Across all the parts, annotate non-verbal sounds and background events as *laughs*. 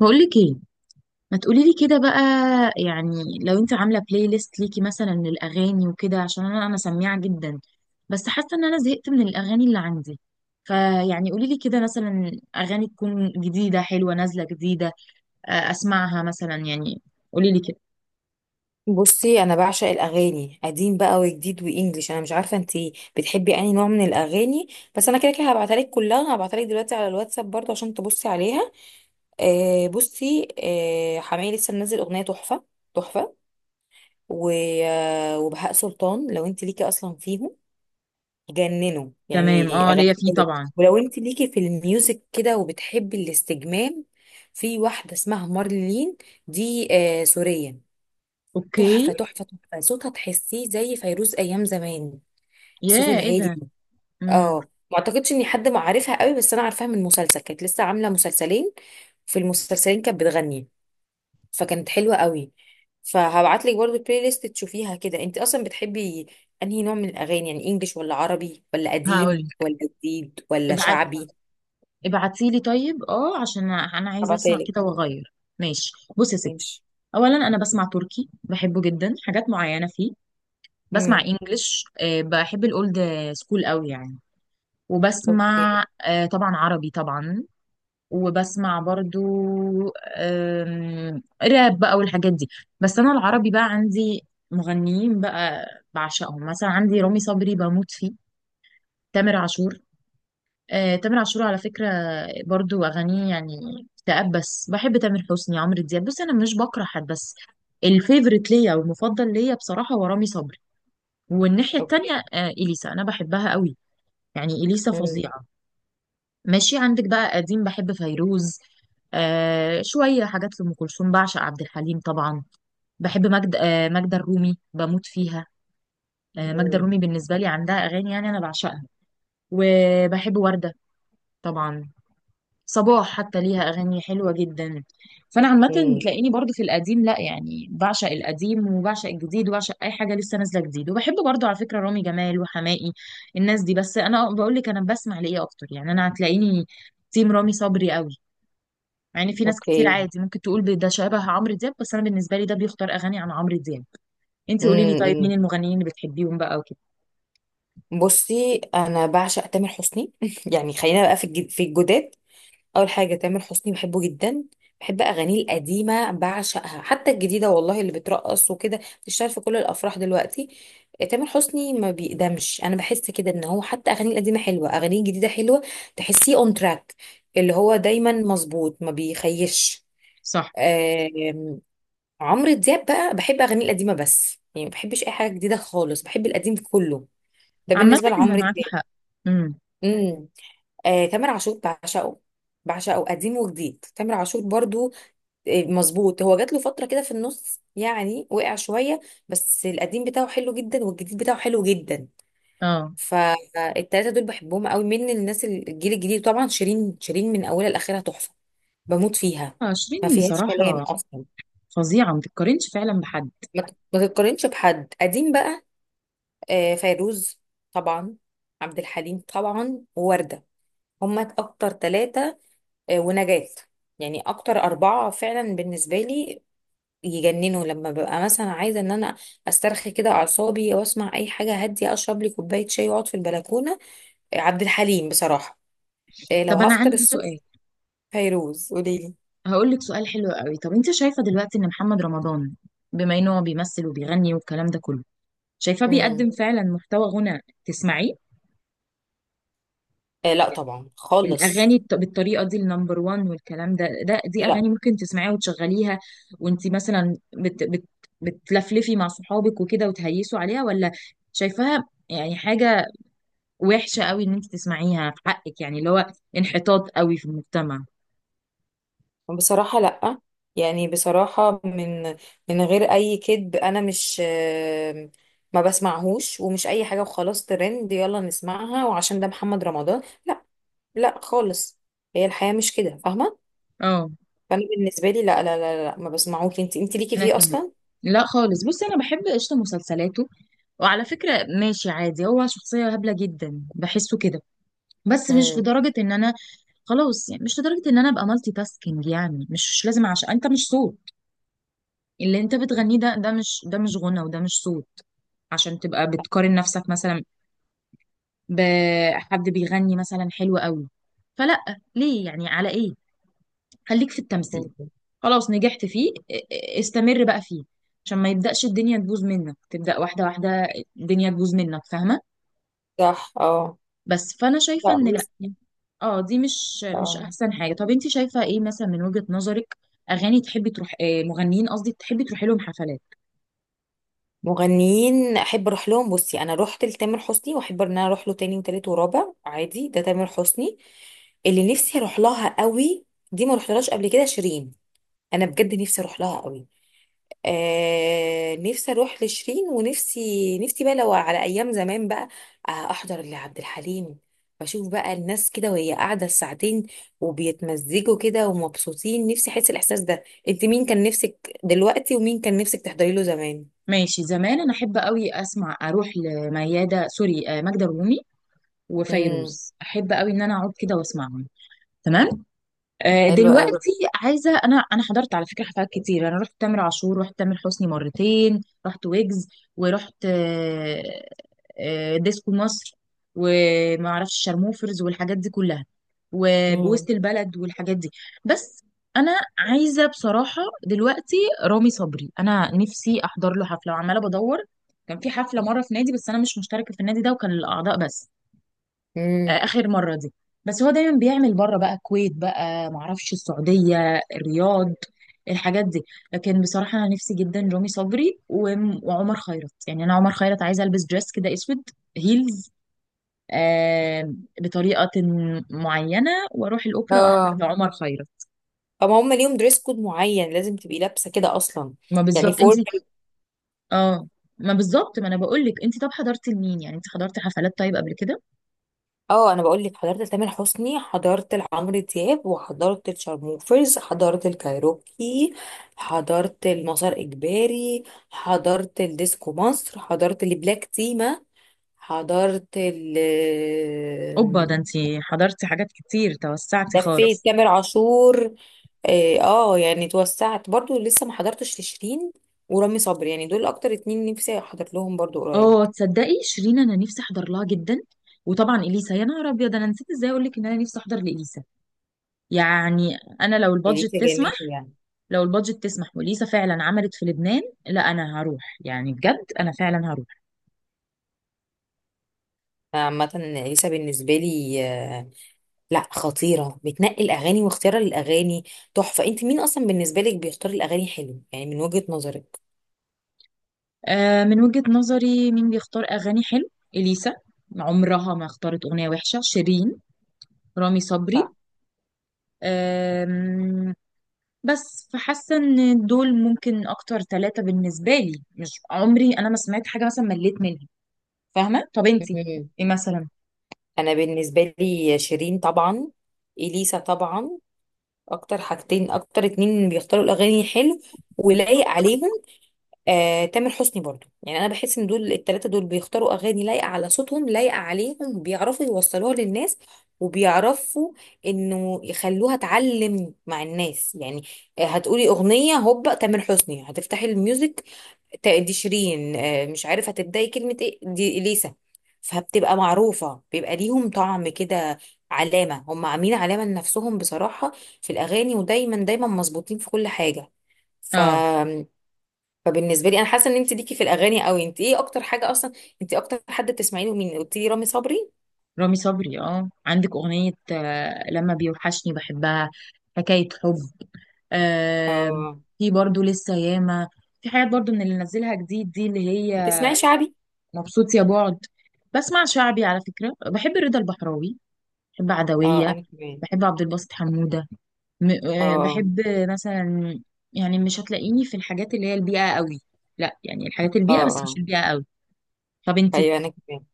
بقولك ايه؟ ما تقولي لي كده بقى. يعني لو انت عامله بلاي ليست ليكي مثلا للاغاني وكده، عشان انا سميعه جدا، بس حاسه ان انا زهقت من الاغاني اللي عندي. فيعني قولي لي كده مثلا، اغاني تكون جديده حلوه نازله جديده، اسمعها مثلا يعني. قولي لي كده. بصي، انا بعشق الاغاني قديم بقى وجديد وانجليش. انا مش عارفه انت بتحبي انهي نوع من الاغاني؟ بس انا كده كده هبعتها لك كلها، هبعتها لك دلوقتي على الواتساب برضه عشان تبصي عليها. آه بصي، آه حماقي لسه منزل اغنيه تحفه، تحفه و- وبهاء سلطان لو انت ليكي اصلا فيهم، جننوا تمام، يعني اه، ليا اغاني فيه حلوه. طبعا. ولو انت ليكي في الميوزك كده وبتحبي الاستجمام، في واحده اسمها مارلين، دي آه سوريه. اوكي. تحفة تحفة تحفة، صوتها تحسيه زي فيروز أيام زمان، الصوت يا ايه الهادي ده؟ ده. امم. اه ما أعتقدش إن حد ما عارفها قوي، بس أنا عارفاها من مسلسل، كانت لسه عاملة مسلسلين. في المسلسلين كانت بتغني، فكانت حلوة قوي. فهبعتلك برضو البلاي ليست تشوفيها كده. أنت أصلا بتحبي أنهي نوع من الأغاني، يعني إنجليش ولا عربي ولا قديم هقول. ولا جديد ولا ابعت. شعبي؟ ابعتيلي طيب، اه، عشان انا عايزه اسمع هبعتلك. كده واغير. ماشي. بصي يا ستي، ماشي. اولا انا بسمع تركي، بحبه جدا، حاجات معينه فيه. بسمع امم. انجلش، بحب الاولد سكول قوي يعني. اوكي. وبسمع طبعا عربي طبعا. وبسمع برضو راب بقى والحاجات دي. بس انا العربي بقى عندي مغنيين بقى بعشقهم، مثلا عندي رامي صبري بموت فيه، تامر عاشور. تامر عاشور على فكرة برضو أغانيه يعني اكتئاب، بس بحب تامر حسني، عمرو دياب. بص، أنا مش بكره حد، بس الفيفوريت ليا والمفضل ليا بصراحة هو رامي صبري. والناحية التانية اوكي. إليسا أنا بحبها قوي. يعني إليسا امم. فظيعة. ماشي، عندك بقى قديم، بحب فيروز، آه، شوية حاجات لأم كلثوم، بعشق عبد الحليم طبعا. بحب مجد، آه، ماجدة الرومي بموت فيها. آه، ماجدة امم الرومي بالنسبة لي عندها أغاني يعني أنا بعشقها. وبحب وردة طبعا. صباح حتى ليها اغاني حلوه جدا. فانا عامه أمم. تلاقيني برضو في القديم، لا يعني بعشق القديم وبعشق الجديد وبعشق اي حاجه لسه نازله جديد. وبحب برضو على فكره رامي جمال وحماقي، الناس دي. بس انا بقول لك انا بسمع لايه اكتر؟ يعني انا هتلاقيني تيم رامي صبري قوي. مع ان في ناس كتير اوكي. عادي ممكن تقول ده شبه عمرو دياب، بس انا بالنسبه لي ده بيختار اغاني عن عمرو دياب. انت قولي لي طيب، مين أمم. المغنيين اللي بتحبيهم بقى وكده؟ بصي انا بعشق تامر حسني *laughs* يعني خلينا بقى في الجداد. اول حاجه تامر حسني بحبه جدا، بحب اغانيه القديمه بعشقها، حتى الجديده والله اللي بترقص وكده بتشتغل في كل الافراح دلوقتي. تامر حسني ما بيقدمش. انا بحس كده ان هو حتى اغانيه القديمه حلوه، اغانيه الجديده حلوه، تحسيه اون تراك اللي هو دايما مظبوط ما بيخيش. صح. آم، عمرو دياب بقى بحب اغانيه القديمه، بس يعني ما بحبش اي حاجه جديده خالص، بحب القديم كله، ده عامه بالنسبه اذا لعمرو معاكي دياب. حق. امم. مم. تامر عاشور بعشقه، بعشقه قديم وجديد، تامر عاشور برضو آه، مظبوط. هو جات له فترة كده في النص يعني وقع شوية، بس القديم بتاعه حلو جدا والجديد بتاعه حلو جدا. اه، فالتلاتة دول بحبهم قوي. من الناس الجيل الجديد طبعا، شيرين. شيرين من أولها لآخرها تحفة، بموت فيها، ما 20 فيهاش كلام بصراحه. أصلا. فظيعه، ما تتقارنش فعلا بحد. ما تتقارنش بحد. قديم بقى، فيروز طبعا، عبد الحليم طبعا، ووردة، هما أكتر تلاتة. ونجاة، يعني اكتر اربعة فعلا بالنسبة لي. يجننوا لما ببقى مثلا عايزة ان انا استرخي كده اعصابي واسمع اي حاجة هادية، اشرب لي كوباية شاي واقعد في البلكونة. عبد الحليم بصراحة. لو طب انا هفطر عندي سؤال، الصبح، فيروز. قوليلي. هقول لك سؤال حلو قوي. طب انت شايفه دلوقتي ان محمد رمضان، بما ان هو بيمثل وبيغني والكلام ده كله، شايفاه امم. بيقدم فعلا محتوى غنى تسمعيه؟ آه لا يعني طبعا الاغاني خالص. بالطريقه دي، النمبر وان والكلام ده دي لا اغاني ممكن تسمعيها وتشغليها، وانت مثلا بت بت بتلفلفي مع صحابك وكده وتهيسوا عليها؟ ولا شايفاها يعني حاجه وحشه قوي ان انت تسمعيها في حقك، يعني اللي هو انحطاط قوي في المجتمع؟ بصراحة لا، يعني بصراحة من غير أي كذب، أنا مش ما بسمعهوش، ومش أي حاجة وخلاص ترند يلا نسمعها وعشان ده محمد رمضان، لا خالص. هي الحياة مش كده، فاهمة؟ اه، فأنا بالنسبة لي لا لا لا, لا، ما بسمعوك. انت ليكي انا فيه كمان أصلا؟ لا خالص. بصي انا بحب قشطه مسلسلاته، وعلى فكره ماشي عادي، هو شخصيه هبله جدا بحسه كده، بس مش امم. لدرجه ان انا، خلاص يعني مش لدرجه ان انا ابقى مالتي تاسكينج. يعني مش لازم، عشان انت مش صوت. اللي انت بتغنيه ده، ده مش غنى وده مش صوت عشان تبقى بتقارن نفسك مثلا بحد بيغني مثلا حلو قوي. فلا، ليه يعني؟ على ايه؟ خليك في التمثيل، خلاص نجحت فيه، استمر بقى فيه، عشان ما يبدأش الدنيا تبوظ منك، تبدأ واحدة واحدة الدنيا تبوظ منك، فاهمة؟ صح. اه. بس فأنا شايفة لا إن لأ، بصي. اه، دي مش اه، أحسن حاجة. طب انت شايفة ايه مثلا من وجهة نظرك؟ أغاني تحبي تروح، مغنيين قصدي تحبي تروحي لهم حفلات؟ مغنيين احب اروح لهم، بصي انا رحت لتامر حسني واحب ان انا اروح له تاني وتالت ورابع، عادي، ده تامر حسني. اللي نفسي اروح لها قوي، دي ما رحتلهاش قبل كده، شيرين، انا بجد نفسي اروح لها قوي. آه نفسي اروح لشيرين. ونفسي نفسي بقى لو على ايام زمان بقى، آه احضر لعبد الحليم، بشوف بقى الناس كده وهي قاعده ساعتين وبيتمزجوا كده ومبسوطين، نفسي احس الاحساس ده. انت مين كان نفسك دلوقتي، ومين كان نفسك تحضري له زمان؟ ماشي، زمان أنا أحب قوي أسمع أروح لميادة، سوري، ماجدة الرومي امم. وفيروز، أحب قوي إن أنا أقعد كده وأسمعهم. تمام. حلو قوي. دلوقتي عايزه، انا حضرت على فكره حفلات كتير. انا رحت تامر عاشور، رحت تامر حسني مرتين، رحت ويجز، ورحت ديسكو مصر، وما اعرفش شارموفرز والحاجات دي كلها، امم. ووسط البلد والحاجات دي. بس انا عايزه بصراحه دلوقتي رامي صبري، انا نفسي احضر له حفله، وعماله بدور. كان في حفله مره في نادي، بس انا مش مشتركه في النادي ده، وكان الاعضاء بس امم. اخر مره دي. بس هو دايما بيعمل بره بقى، الكويت بقى، معرفش، السعوديه، الرياض، الحاجات دي. لكن بصراحه انا نفسي جدا رامي صبري، وعمر خيرت. يعني انا عمر خيرت عايزه البس دريس كده اسود، هيلز، آه، بطريقه معينه، واروح الاوبرا احضر اه، لعمر خيرت. فما هم ليهم دريس كود معين، لازم تبقي لابسه كده اصلا؟ ما يعني بالظبط انت. فورمال. اه، ما بالظبط، ما انا بقول لك، انت طب حضرتي لمين يعني؟ انت حضرتي حفلات طيب قبل كده؟ اه انا بقول لك، حضرت لتامر حسني، حضرت لعمرو دياب، وحضرت لشارموفرز، حضرت الكايروكي، حضرت لمسار اجباري، حضرت الديسكو مصر، حضرت لبلاك تيما، حضرت ال، اوبا، ده انت حضرتي حاجات كتير، توسعتي خالص. لفيت تامر عاشور. اه يعني توسعت برضو. لسه ما حضرتش لشيرين ورامي صبري، يعني دول اكتر اتنين نفسي احضر لهم برضو قريب. اه تصدقي شيرين انا نفسي احضر لها جدا، وطبعا اليسا، يا نهار ابيض، انا نسيت ازاي اقول لك ان انا نفسي احضر لاليسا. يعني انا لو البادجت اليسا جميل تسمح، يعني. لو البادجت تسمح واليسا فعلا عملت في لبنان، لا انا هروح، يعني بجد انا فعلا هروح. عامة اليسا بالنسبة لي لا خطيرة، بتنقي الأغاني، واختيار الأغاني تحفة. أنت مين أصلا بالنسبة لك بيختار الأغاني حلو يعني من وجهة نظرك؟ آه، من وجهة نظري مين بيختار اغاني حلو؟ اليسا، عمرها ما اختارت اغنيه وحشه. شيرين. رامي صبري. صح. آم، بس فحاسه ان دول ممكن اكتر ثلاثه بالنسبه لي، مش عمري انا ما سمعت حاجه مثلا مليت منها. فاهمه؟ طب انتي مم. ايه مثلا؟ أنا بالنسبة لي شيرين طبعا، إليسا طبعا، أكتر حاجتين، أكتر اتنين بيختاروا الأغاني حلو ولايق عليهم. تامر حسني برضو، يعني انا بحس ان دول التلاتة دول بيختاروا اغاني لايقة على صوتهم، لايقة عليهم، بيعرفوا يوصلوها للناس، وبيعرفوا انه يخلوها تعلم مع الناس يعني. هتقولي اغنية هوبا تامر حسني، هتفتحي الميوزك، دي شيرين، مش عارف هتبداي كلمة ايه، دي اليسا. فبتبقى معروفة، بيبقى ليهم طعم كده، علامة، هم عاملين علامة لنفسهم بصراحة في الأغاني، ودايما دايما مظبوطين في كل حاجة. ف اه، فبالنسبه لي انا حاسه ان انت ليكي في الاغاني قوي، انت ايه اكتر حاجه اصلا؟ انت اكتر حد بتسمعي له مين؟ قلت لي رامي صبري. رامي صبري، اه، عندك اغنية، لما بيوحشني بحبها، حكاية حب، آه. اه. في برضو لسه ياما، في حاجات برضو من اللي نزلها جديد دي، اللي هي بتسمعي شعبي؟ مبسوط يا بعد. بسمع شعبي على فكرة، بحب رضا البحراوي، بحب اه عدوية، انا كمان. بحب عبد الباسط حمودة. م آه اه بحب مثلا، يعني مش هتلاقيني في الحاجات اللي هي البيئة قوي، لا يعني الحاجات اه البيئة بس مش اه البيئة قوي. طب انتي؟ ايوه انا كمان.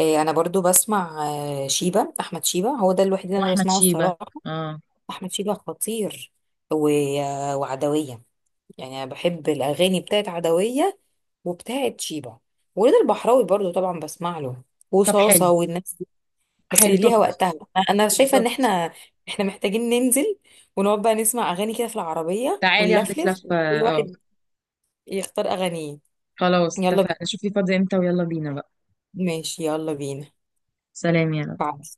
إيه، انا برضو بسمع احمد شيبه هو ده الوحيد اللي انا واحمد بسمعه شيبة، الصراحه. اه. احمد شيبه خطير، و... وعدويه. يعني انا بحب الاغاني بتاعت عدويه وبتاعت شيبه، ورضا البحراوي برضو طبعا بسمع له، طب حلو، وصاصه والناس، بس حلو طب. ليها وقتها. أنا شايفه ان بالظبط. احنا محتاجين ننزل ونقعد بقى نسمع اغاني كده في العربيه تعالي اخدك ونلفلف، لفة، وكل اه، واحد يختار اغانيه. خلاص يلا بينا. اتفقنا. شوفي فاضية امتى ويلا بينا بقى. ماشي يلا بينا. سلام يا رب. بعد